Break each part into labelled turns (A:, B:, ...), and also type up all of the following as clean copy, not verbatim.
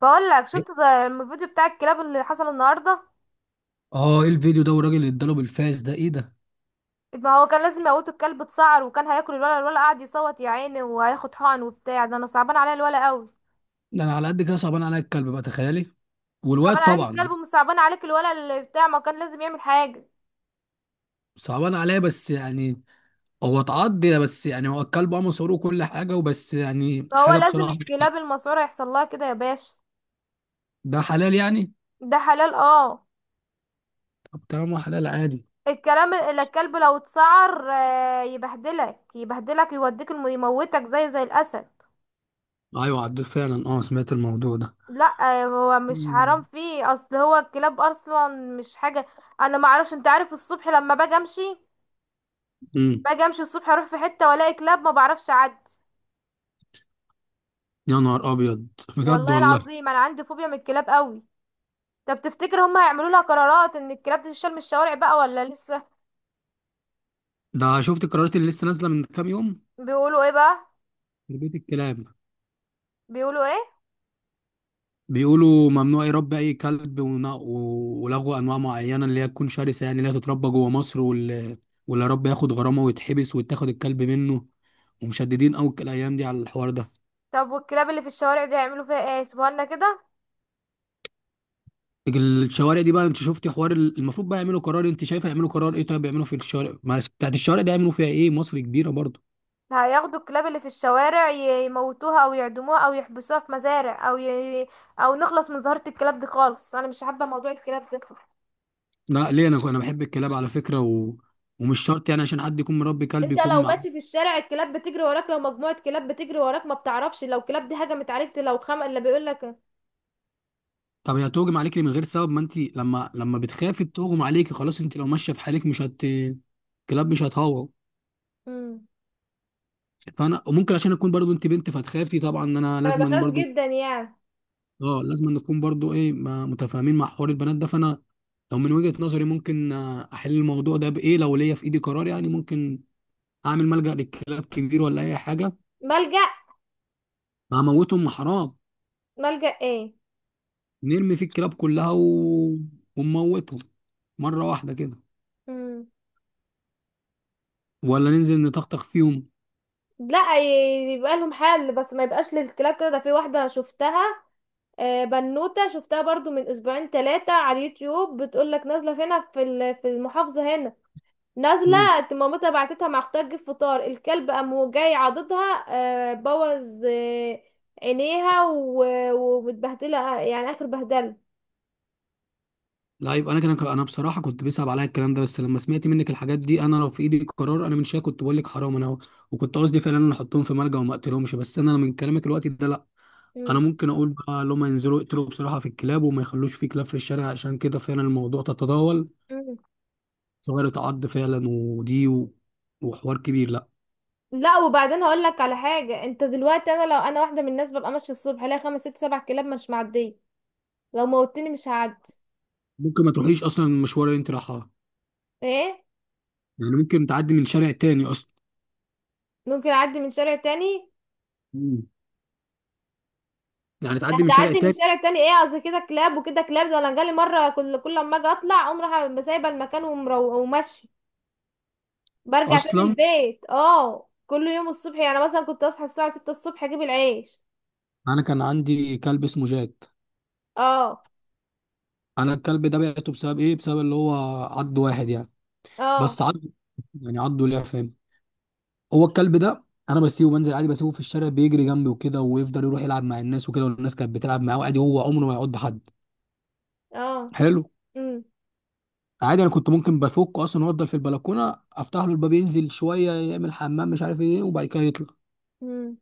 A: بقول لك
B: إيه؟
A: شفت زي الفيديو بتاع الكلاب اللي حصل النهارده.
B: اه ايه الفيديو ده والراجل اللي اداله بالفاس ده ايه ده.
A: ما هو كان لازم يموتوا الكلب اتسعر وكان هياكل الولا قاعد يصوت يا عيني وهياخد حقن وبتاع ده، انا صعبان عليا الولا قوي.
B: ده انا على قد كده صعبان عليا الكلب بقى، تخيلي.
A: صعبان
B: والواد
A: عليك
B: طبعا.
A: الكلب ومش صعبان عليك الولا اللي بتاع، ما كان لازم يعمل حاجه.
B: صعبان عليا بس يعني هو اتعض، بس يعني هو الكلب مصروه كل حاجه، وبس يعني
A: فهو
B: حاجه
A: لازم
B: بصراحه.
A: الكلاب المسعوره يحصل لها كده يا باشا.
B: ده حلال يعني.
A: ده حلال اه.
B: طب طالما حلال عادي.
A: الكلام اللي الكلب لو اتسعر يبهدلك يبهدلك يوديك يموتك زي الاسد.
B: ايوه عديت فعلا، اه سمعت الموضوع ده.
A: لا هو مش حرام
B: مم.
A: فيه اصل، هو الكلاب اصلا مش حاجه. انا ما اعرفش، انت عارف الصبح لما باجي امشي،
B: امم.
A: الصبح اروح في حته والاقي كلاب ما بعرفش اعدي.
B: يا نهار ابيض. بجد
A: والله
B: والله.
A: العظيم انا عندي فوبيا من الكلاب قوي. طب تفتكر هم هيعملوا لها قرارات ان الكلاب دي تشال من الشوارع بقى ولا لسه؟
B: ده شفت قرارات اللي لسه نازله من كام يوم.
A: بيقولوا ايه بقى؟
B: تربيه الكلاب
A: بيقولوا ايه؟
B: بيقولوا ممنوع يربي اي كلب ولغوا انواع معينه اللي هي تكون شرسه، يعني اللي هي تتربى جوه مصر، واللي رب ياخد غرامه ويتحبس ويتاخد الكلب منه، ومشددين قوي الايام دي على الحوار ده.
A: طب والكلاب اللي في الشوارع دي هيعملوا فيها ايه، سيبوها كده؟
B: الشوارع دي بقى، انت شفتي حوار المفروض بقى يعملوا قرار، انت شايفه يعملوا قرار ايه؟ طيب يعملوا في الشوارع، معلش بتاعت الشوارع ده يعملوا فيها ايه؟ مصر كبيره برضه.
A: هياخدوا الكلاب اللي في الشوارع يموتوها او يعدموها او يحبسوها في مزارع او نخلص من ظاهرة الكلاب دي خالص، انا مش حابة موضوع الكلاب ده.
B: لا ليه، انا بحب الكلاب على فكره، ومش شرط يعني عشان حد يكون مربي كلب
A: انت
B: يكون.
A: لو ماشي في الشارع الكلاب بتجري وراك، لو مجموعة كلاب بتجري وراك ما بتعرفش لو كلاب دي هجمت عليك، لو خم اللي بيقول لك.
B: طب هي تهجم عليكي من غير سبب؟ ما انت لما بتخافي تهجم عليكي، خلاص. انت لو ماشيه في حالك مش هت، كلاب مش هتهوى.
A: امم.
B: فانا وممكن عشان اكون برضو انت بنت فتخافي طبعا، ان انا
A: انا
B: لازما
A: بخاف
B: برضو،
A: جدا يعني.
B: اه لازما نكون برضو ايه متفاهمين مع حوار البنات ده. فانا لو من وجهة نظري ممكن، احل الموضوع ده بايه؟ لو ليا في ايدي قرار يعني، ممكن اعمل ملجأ للكلاب كبير ولا اي حاجه.
A: ملجأ.
B: ما هموتهم، ما حرام.
A: ملجأ ايه؟
B: نرمي فيه الكلاب كلها ونموتهم مره واحده كده.
A: امم.
B: ولا ننزل نطخطخ فيهم.
A: لا، يبقى لهم حل بس ما يبقاش للكلاب كده، ده في واحدة شفتها. بنوتة شفتها برضو من اسبوعين ثلاثة على اليوتيوب، بتقول لك نازلة هنا في في المحافظة هنا. نازله. مامتها بعتتها مع اختها تجيب فطار، الكلب قام جاي عضدها. بوظ عينيها ومتبهدله يعني اخر بهدله.
B: لا، يبقى انا كان انا بصراحه كنت بيصعب عليا الكلام ده، بس لما سمعت منك الحاجات دي، انا لو في ايدي قرار انا من شويه كنت بقول لك حرام، انا وكنت قصدي فعلا ان احطهم في ملجأ وما اقتلهمش، بس انا من كلامك الوقت ده لا. انا
A: مم.
B: ممكن اقول بقى لما ينزلوا يقتلوا بصراحه في الكلاب وما يخلوش في كلاب في الشارع، عشان كده فعلا الموضوع تتداول.
A: مم.
B: صغير تعض فعلا، ودي وحوار كبير، لا.
A: لا، وبعدين هقول لك على حاجه، انت دلوقتي انا لو انا واحده من الناس ببقى ماشيه الصبح الاقي خمس ست سبع كلاب مش معديه. لو موتني مش هعدي.
B: ممكن ما تروحيش اصلا المشوار اللي انت رايحاه.
A: ايه.
B: يعني ممكن تعدي من شارع تاني اصلا.
A: ممكن اعدي من شارع تاني.
B: مم. يعني تعدي من شارع
A: هتعدي من
B: تاني.
A: شارع تاني، ايه قصدي كده كلاب وكده كلاب، ده انا جالي مره كل لما اجي اطلع اقوم رايحه سايبه المكان وماشيه. برجع تاني
B: اصلا
A: البيت اه، كل يوم الصبح يعني مثلا كنت اصحى الساعة 6 الصبح اجيب العيش.
B: انا كان عندي كلب اسمه جاك.
A: اه،
B: انا الكلب ده بعته بسبب ايه؟ بسبب اللي هو عض واحد يعني.
A: اه،
B: بس عض. يعني عضه ليه، فاهم؟ هو الكلب ده انا بسيبه بنزل عادي، بسيبه في الشارع بيجري جنبي وكده، ويفضل يروح يلعب مع الناس وكده، والناس كانت بتلعب معاه عادي، هو عمره ما يعض حد.
A: اه.
B: حلو.
A: امم،
B: عادي، انا كنت ممكن بفكه اصلا وافضل في البلكونه، افتح له الباب ينزل شويه يعمل حمام مش عارف ايه، وبعد كده يطلع.
A: امم،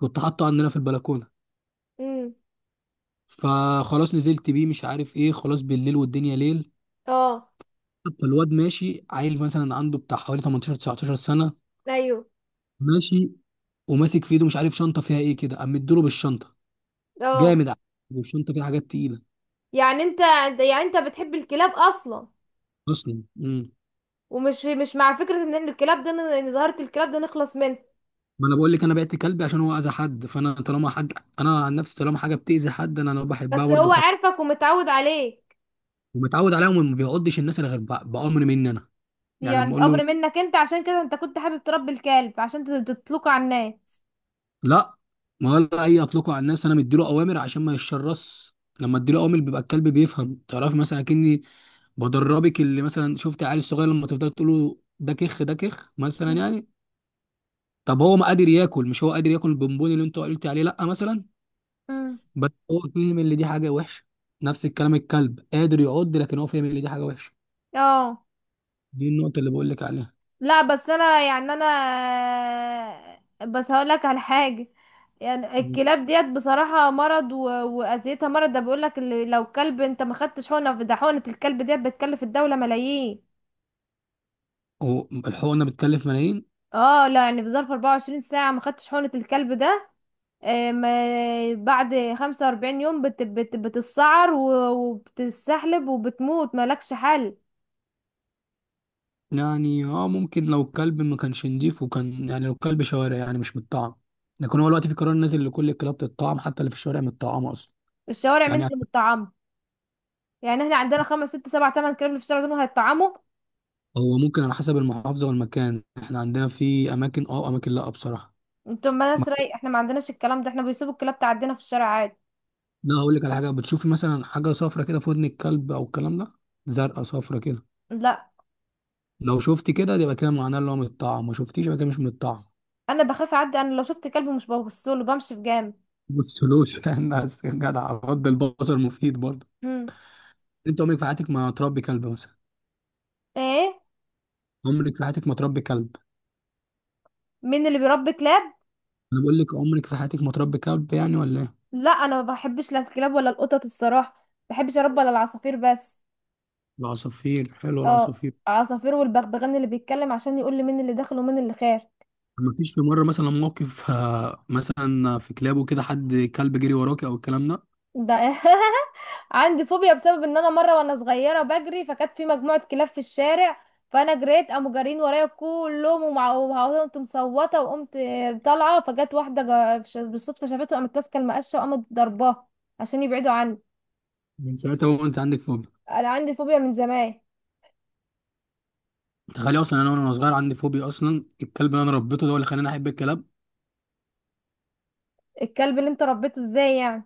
B: كنت حاطه عندنا في البلكونه.
A: امم.
B: فخلاص نزلت بيه مش عارف ايه، خلاص بالليل والدنيا ليل.
A: اه.
B: فالواد ماشي عيل مثلا عنده بتاع حوالي 18 19 سنه،
A: ايوه.
B: ماشي وماسك في ايده مش عارف شنطه فيها ايه كده، قام مديله بالشنطه
A: اه.
B: جامد على فكرة، والشنطه فيها حاجات تقيله.
A: يعني انت يعني انت بتحب الكلاب اصلا.
B: اصلا، امم.
A: ومش مش مع فكرة ان إحنا الكلاب ده، ان ظاهرة الكلاب ده نخلص منه.
B: ما انا بقول لك انا بعت كلبي عشان هو اذى حد، فانا طالما حد، انا عن نفسي طالما حاجه بتاذي حد انا بحبها
A: بس
B: برضه
A: هو
B: خالص.
A: عارفك ومتعود عليك.
B: ومتعود عليها، وما بيعضش الناس الا غير بامر مني انا. يعني لما
A: يعني
B: اقول له
A: بأمر منك انت، عشان كده انت كنت حابب تربي الكلب عشان تطلقه على الناس.
B: لا، ما ولا اي اطلقه على الناس، انا مديله اوامر عشان ما يتشرس. لما اديله اوامر بيبقى الكلب بيفهم، تعرف؟ مثلا اكني بدربك، اللي مثلا شفت عيال الصغير لما تفضل تقول له ده كخ ده كخ مثلا
A: مم.
B: يعني. طب هو ما قادر ياكل؟ مش هو قادر ياكل البونبون اللي انت قلت عليه؟ لا مثلا.
A: مم.
B: بس هو فهم ان دي حاجه وحشه. نفس الكلام، الكلب قادر يعض، لكن هو فاهم ان دي حاجه وحشه.
A: اه.
B: دي النقطه اللي بقول لك عليها.
A: لا بس انا يعني انا. بس هقول لك على حاجه. يعني
B: مم.
A: الكلاب ديت بصراحه مرض واذيتها مرض، ده بيقول لك اللي لو كلب انت ما خدتش حقنه، ده حقنه الكلب ديت بتكلف الدوله ملايين.
B: هو الحقنه بتكلف ملايين؟
A: اه لا، يعني في ظرف 24 ساعه ما خدتش حقنه الكلب ده. ما بعد 45 يوم بتتسعر وبتستحلب وبتموت مالكش حل.
B: يعني ممكن لو الكلب ما كانش نضيف، وكان يعني لو الكلب شوارع يعني مش متطعم. لكن هو دلوقتي في قرار نازل لكل الكلاب تتطعم، حتى اللي في الشوارع متطعمه اصلا.
A: الشوارع مين
B: يعني
A: اللي متطعمه؟ يعني احنا عندنا خمس ست سبع تمن كلاب اللي في الشارع دول هيتطعموا.
B: هو ممكن على حسب المحافظه والمكان، احنا عندنا في اماكن، لا بصراحه.
A: انتوا ناس رايق، احنا ما عندناش الكلام ده، احنا بيسيبوا الكلاب تعدينا في الشارع عادي.
B: لا هقول لك على حاجه، بتشوفي مثلا حاجه صفرة كده في ودن الكلب او الكلام ده، زرقاء صفرة كده.
A: لا
B: لو شفت كده يبقى كده معناه اللي هو من الطعام، ما شفتيش يبقى كده مش من الطعام.
A: انا بخاف اعدي، انا لو شفت كلب مش ببصله بمشي بجامد.
B: بصلوش، فاهم؟ بس يا جدع رد البصر مفيد برضه.
A: هم.
B: انت عمرك في حياتك ما تربي كلب مثلا؟
A: ايه.
B: عمرك في حياتك ما تربي كلب؟
A: مين اللي بيربي كلاب؟
B: انا بقول لك عمرك في حياتك ما تربي كلب يعني، ولا ايه؟
A: لا انا ما بحبش لا الكلاب ولا القطط، الصراحه ما بحبش اربي الا العصافير بس.
B: العصافير، حلو
A: اه،
B: العصافير.
A: عصافير والبغبغان اللي بيتكلم عشان يقول لي مين اللي داخل ومين اللي خارج.
B: ما فيش في مره مثلا موقف، مثلا في كلابه كده حد كلب جري وراك او الكلام ده؟
A: ده عندي فوبيا بسبب ان انا مره وانا صغيره بجري، فكانت في مجموعه كلاب في الشارع، فانا جريت قاموا جارين ورايا كلهم، وقمت مصوته وقمت طالعه، فجت واحده بالصدفه شافته، قامت ماسكه المقشه وقامت ضرباه عشان يبعدوا عني.
B: من ساعتها وانت عندك فوبيا.
A: انا عندي فوبيا من زمان.
B: تخيل اصلا انا وانا صغير عندي فوبيا اصلا، الكلب اللي انا ربيته ده هو اللي خلاني احب الكلاب.
A: الكلب اللي انت ربيته ازاي يعني؟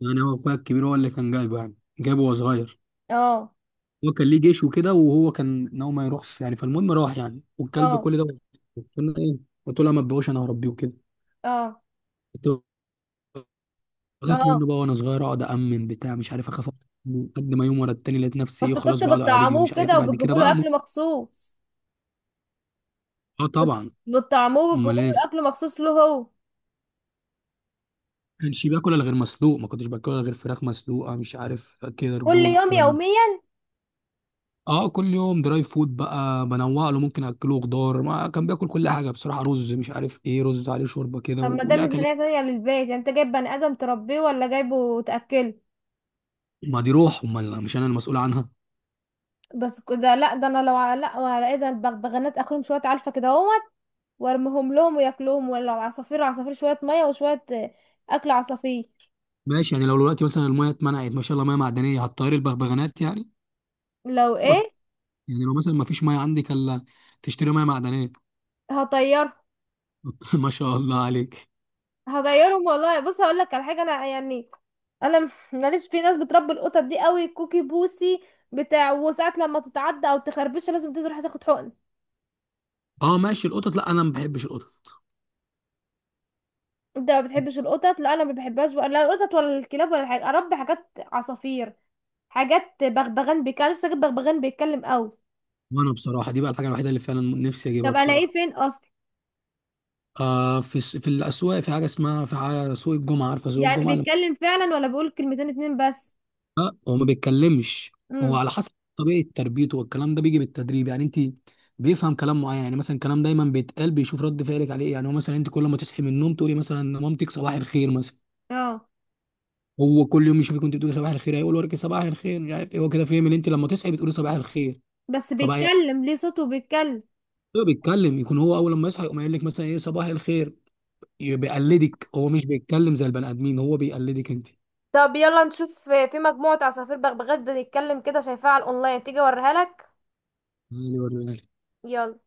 B: يعني هو اخويا الكبير هو اللي كان جايبه، يعني جايبه وهو صغير.
A: اه.
B: هو كان ليه جيش وكده، وهو كان ان هو ما يروحش يعني، فالمهم راح يعني، والكلب
A: اه.
B: كل ده. قلت له ايه؟ قلت له لا ما تبقوش، انا هربيه وكده.
A: اه.
B: كنت بخاف
A: اه.
B: منه بقى وانا صغير، اقعد امن بتاع مش عارف اخاف. من قد ما يوم ورا التاني لقيت نفسي ايه،
A: بس
B: خلاص
A: كنت
B: بقعد على رجلي
A: بتطعموه
B: ومش عارف ايه،
A: كده
B: بعد كده
A: وبتجيبوا له
B: بقى ممكن.
A: اكل مخصوص؟
B: اه طبعا.
A: بتطعموه
B: امال
A: وبتجيبوا
B: ايه؟ ما
A: له اكل مخصوص له هو.
B: كانش باكل الا غير مسلوق، ما كنتش باكل الا غير فراخ مسلوقه، مش عارف كده
A: كل
B: رجول
A: يوم
B: الكلام ده.
A: يوميا.
B: اه كل يوم دراي فود بقى بنوع له، ممكن اكله خضار، ما كان بياكل كل حاجه بصراحه، رز مش عارف ايه، رز عليه شوربه كده
A: طب ما ده
B: وليه اكلات.
A: ميزانية تانية للبيت، يعني انت جايب بني ادم تربيه ولا جايبه تأكله؟
B: ما دي روح، امال مش انا المسؤول عنها.
A: بس كده لا، ده انا لو على لا وعلى ايه، ده البغبغانات اكلهم شوية علفة كده اهوت وارميهم لهم وياكلوهم، ولو عصافير، عصافير شوية مية وشوية اكل عصافير.
B: ماشي، يعني لو دلوقتي مثلا الميه اتمنعت ما شاء الله، ميه معدنيه هتطير البغبغانات يعني،
A: لو
B: و-
A: ايه؟
B: يعني لو مثلا ما فيش ميه عندك الا تشتري ميه معدنيه.
A: هطير.
B: ما شاء الله عليك.
A: هطيرهم والله، بص هقول لك على حاجة انا يعني. انا ماليش في ناس بتربي القطط دي قوي، كوكي بوسي بتاع، وساعات لما تتعدى او تخربشها لازم تروح تاخد حقن.
B: اه ماشي، القطط لا انا ما بحبش القطط.
A: انت ما بتحبش القطط؟ لا انا ما بحبهاش ولا القطط ولا الكلاب ولا حاجه، اربي حاجات عصافير، حاجات بغبغان بيتكلم، بس أكيد بغبغان بيتكلم قوي.
B: وانا بصراحه دي بقى الحاجه الوحيده اللي فعلا نفسي اجيبها
A: طب الاقيه
B: بصراحه.
A: فين اصلا؟
B: آه في في الاسواق، في حاجه اسمها، في حاجه سوق الجمعه، عارفه سوق
A: يعني
B: الجمعه؟
A: بيتكلم فعلا ولا بيقول كلمتين اتنين بس؟
B: هو ما بيتكلمش. هو
A: امم.
B: على حسب طبيعة تربيته، والكلام ده بيجي بالتدريب يعني، انت بيفهم كلام معين، يعني مثلا كلام دايما بيتقال بيشوف رد فعلك عليه إيه. يعني هو مثلا انت كل ما تصحي من النوم تقولي مثلا مامتك صباح الخير مثلا.
A: اه.
B: هو كل يوم يشوفك كنت بتقولي صباح الخير، هيقول وراك صباح الخير مش عارف ايه، هو كده فاهم ان انت لما تصحي بتقولي صباح الخير.
A: بس
B: فبقى يعني
A: بيتكلم ليه صوته بيتكلم؟
B: هو بيتكلم، يكون هو اول لما يصحى يقوم قايل لك مثلا ايه صباح الخير، بيقلدك، هو مش بيتكلم زي البني ادمين، هو بيقلدك
A: طب يلا نشوف في مجموعة عصافير بغبغات بتتكلم كده شايفاها على الأونلاين تيجي أوريها لك.
B: انت.
A: يلا.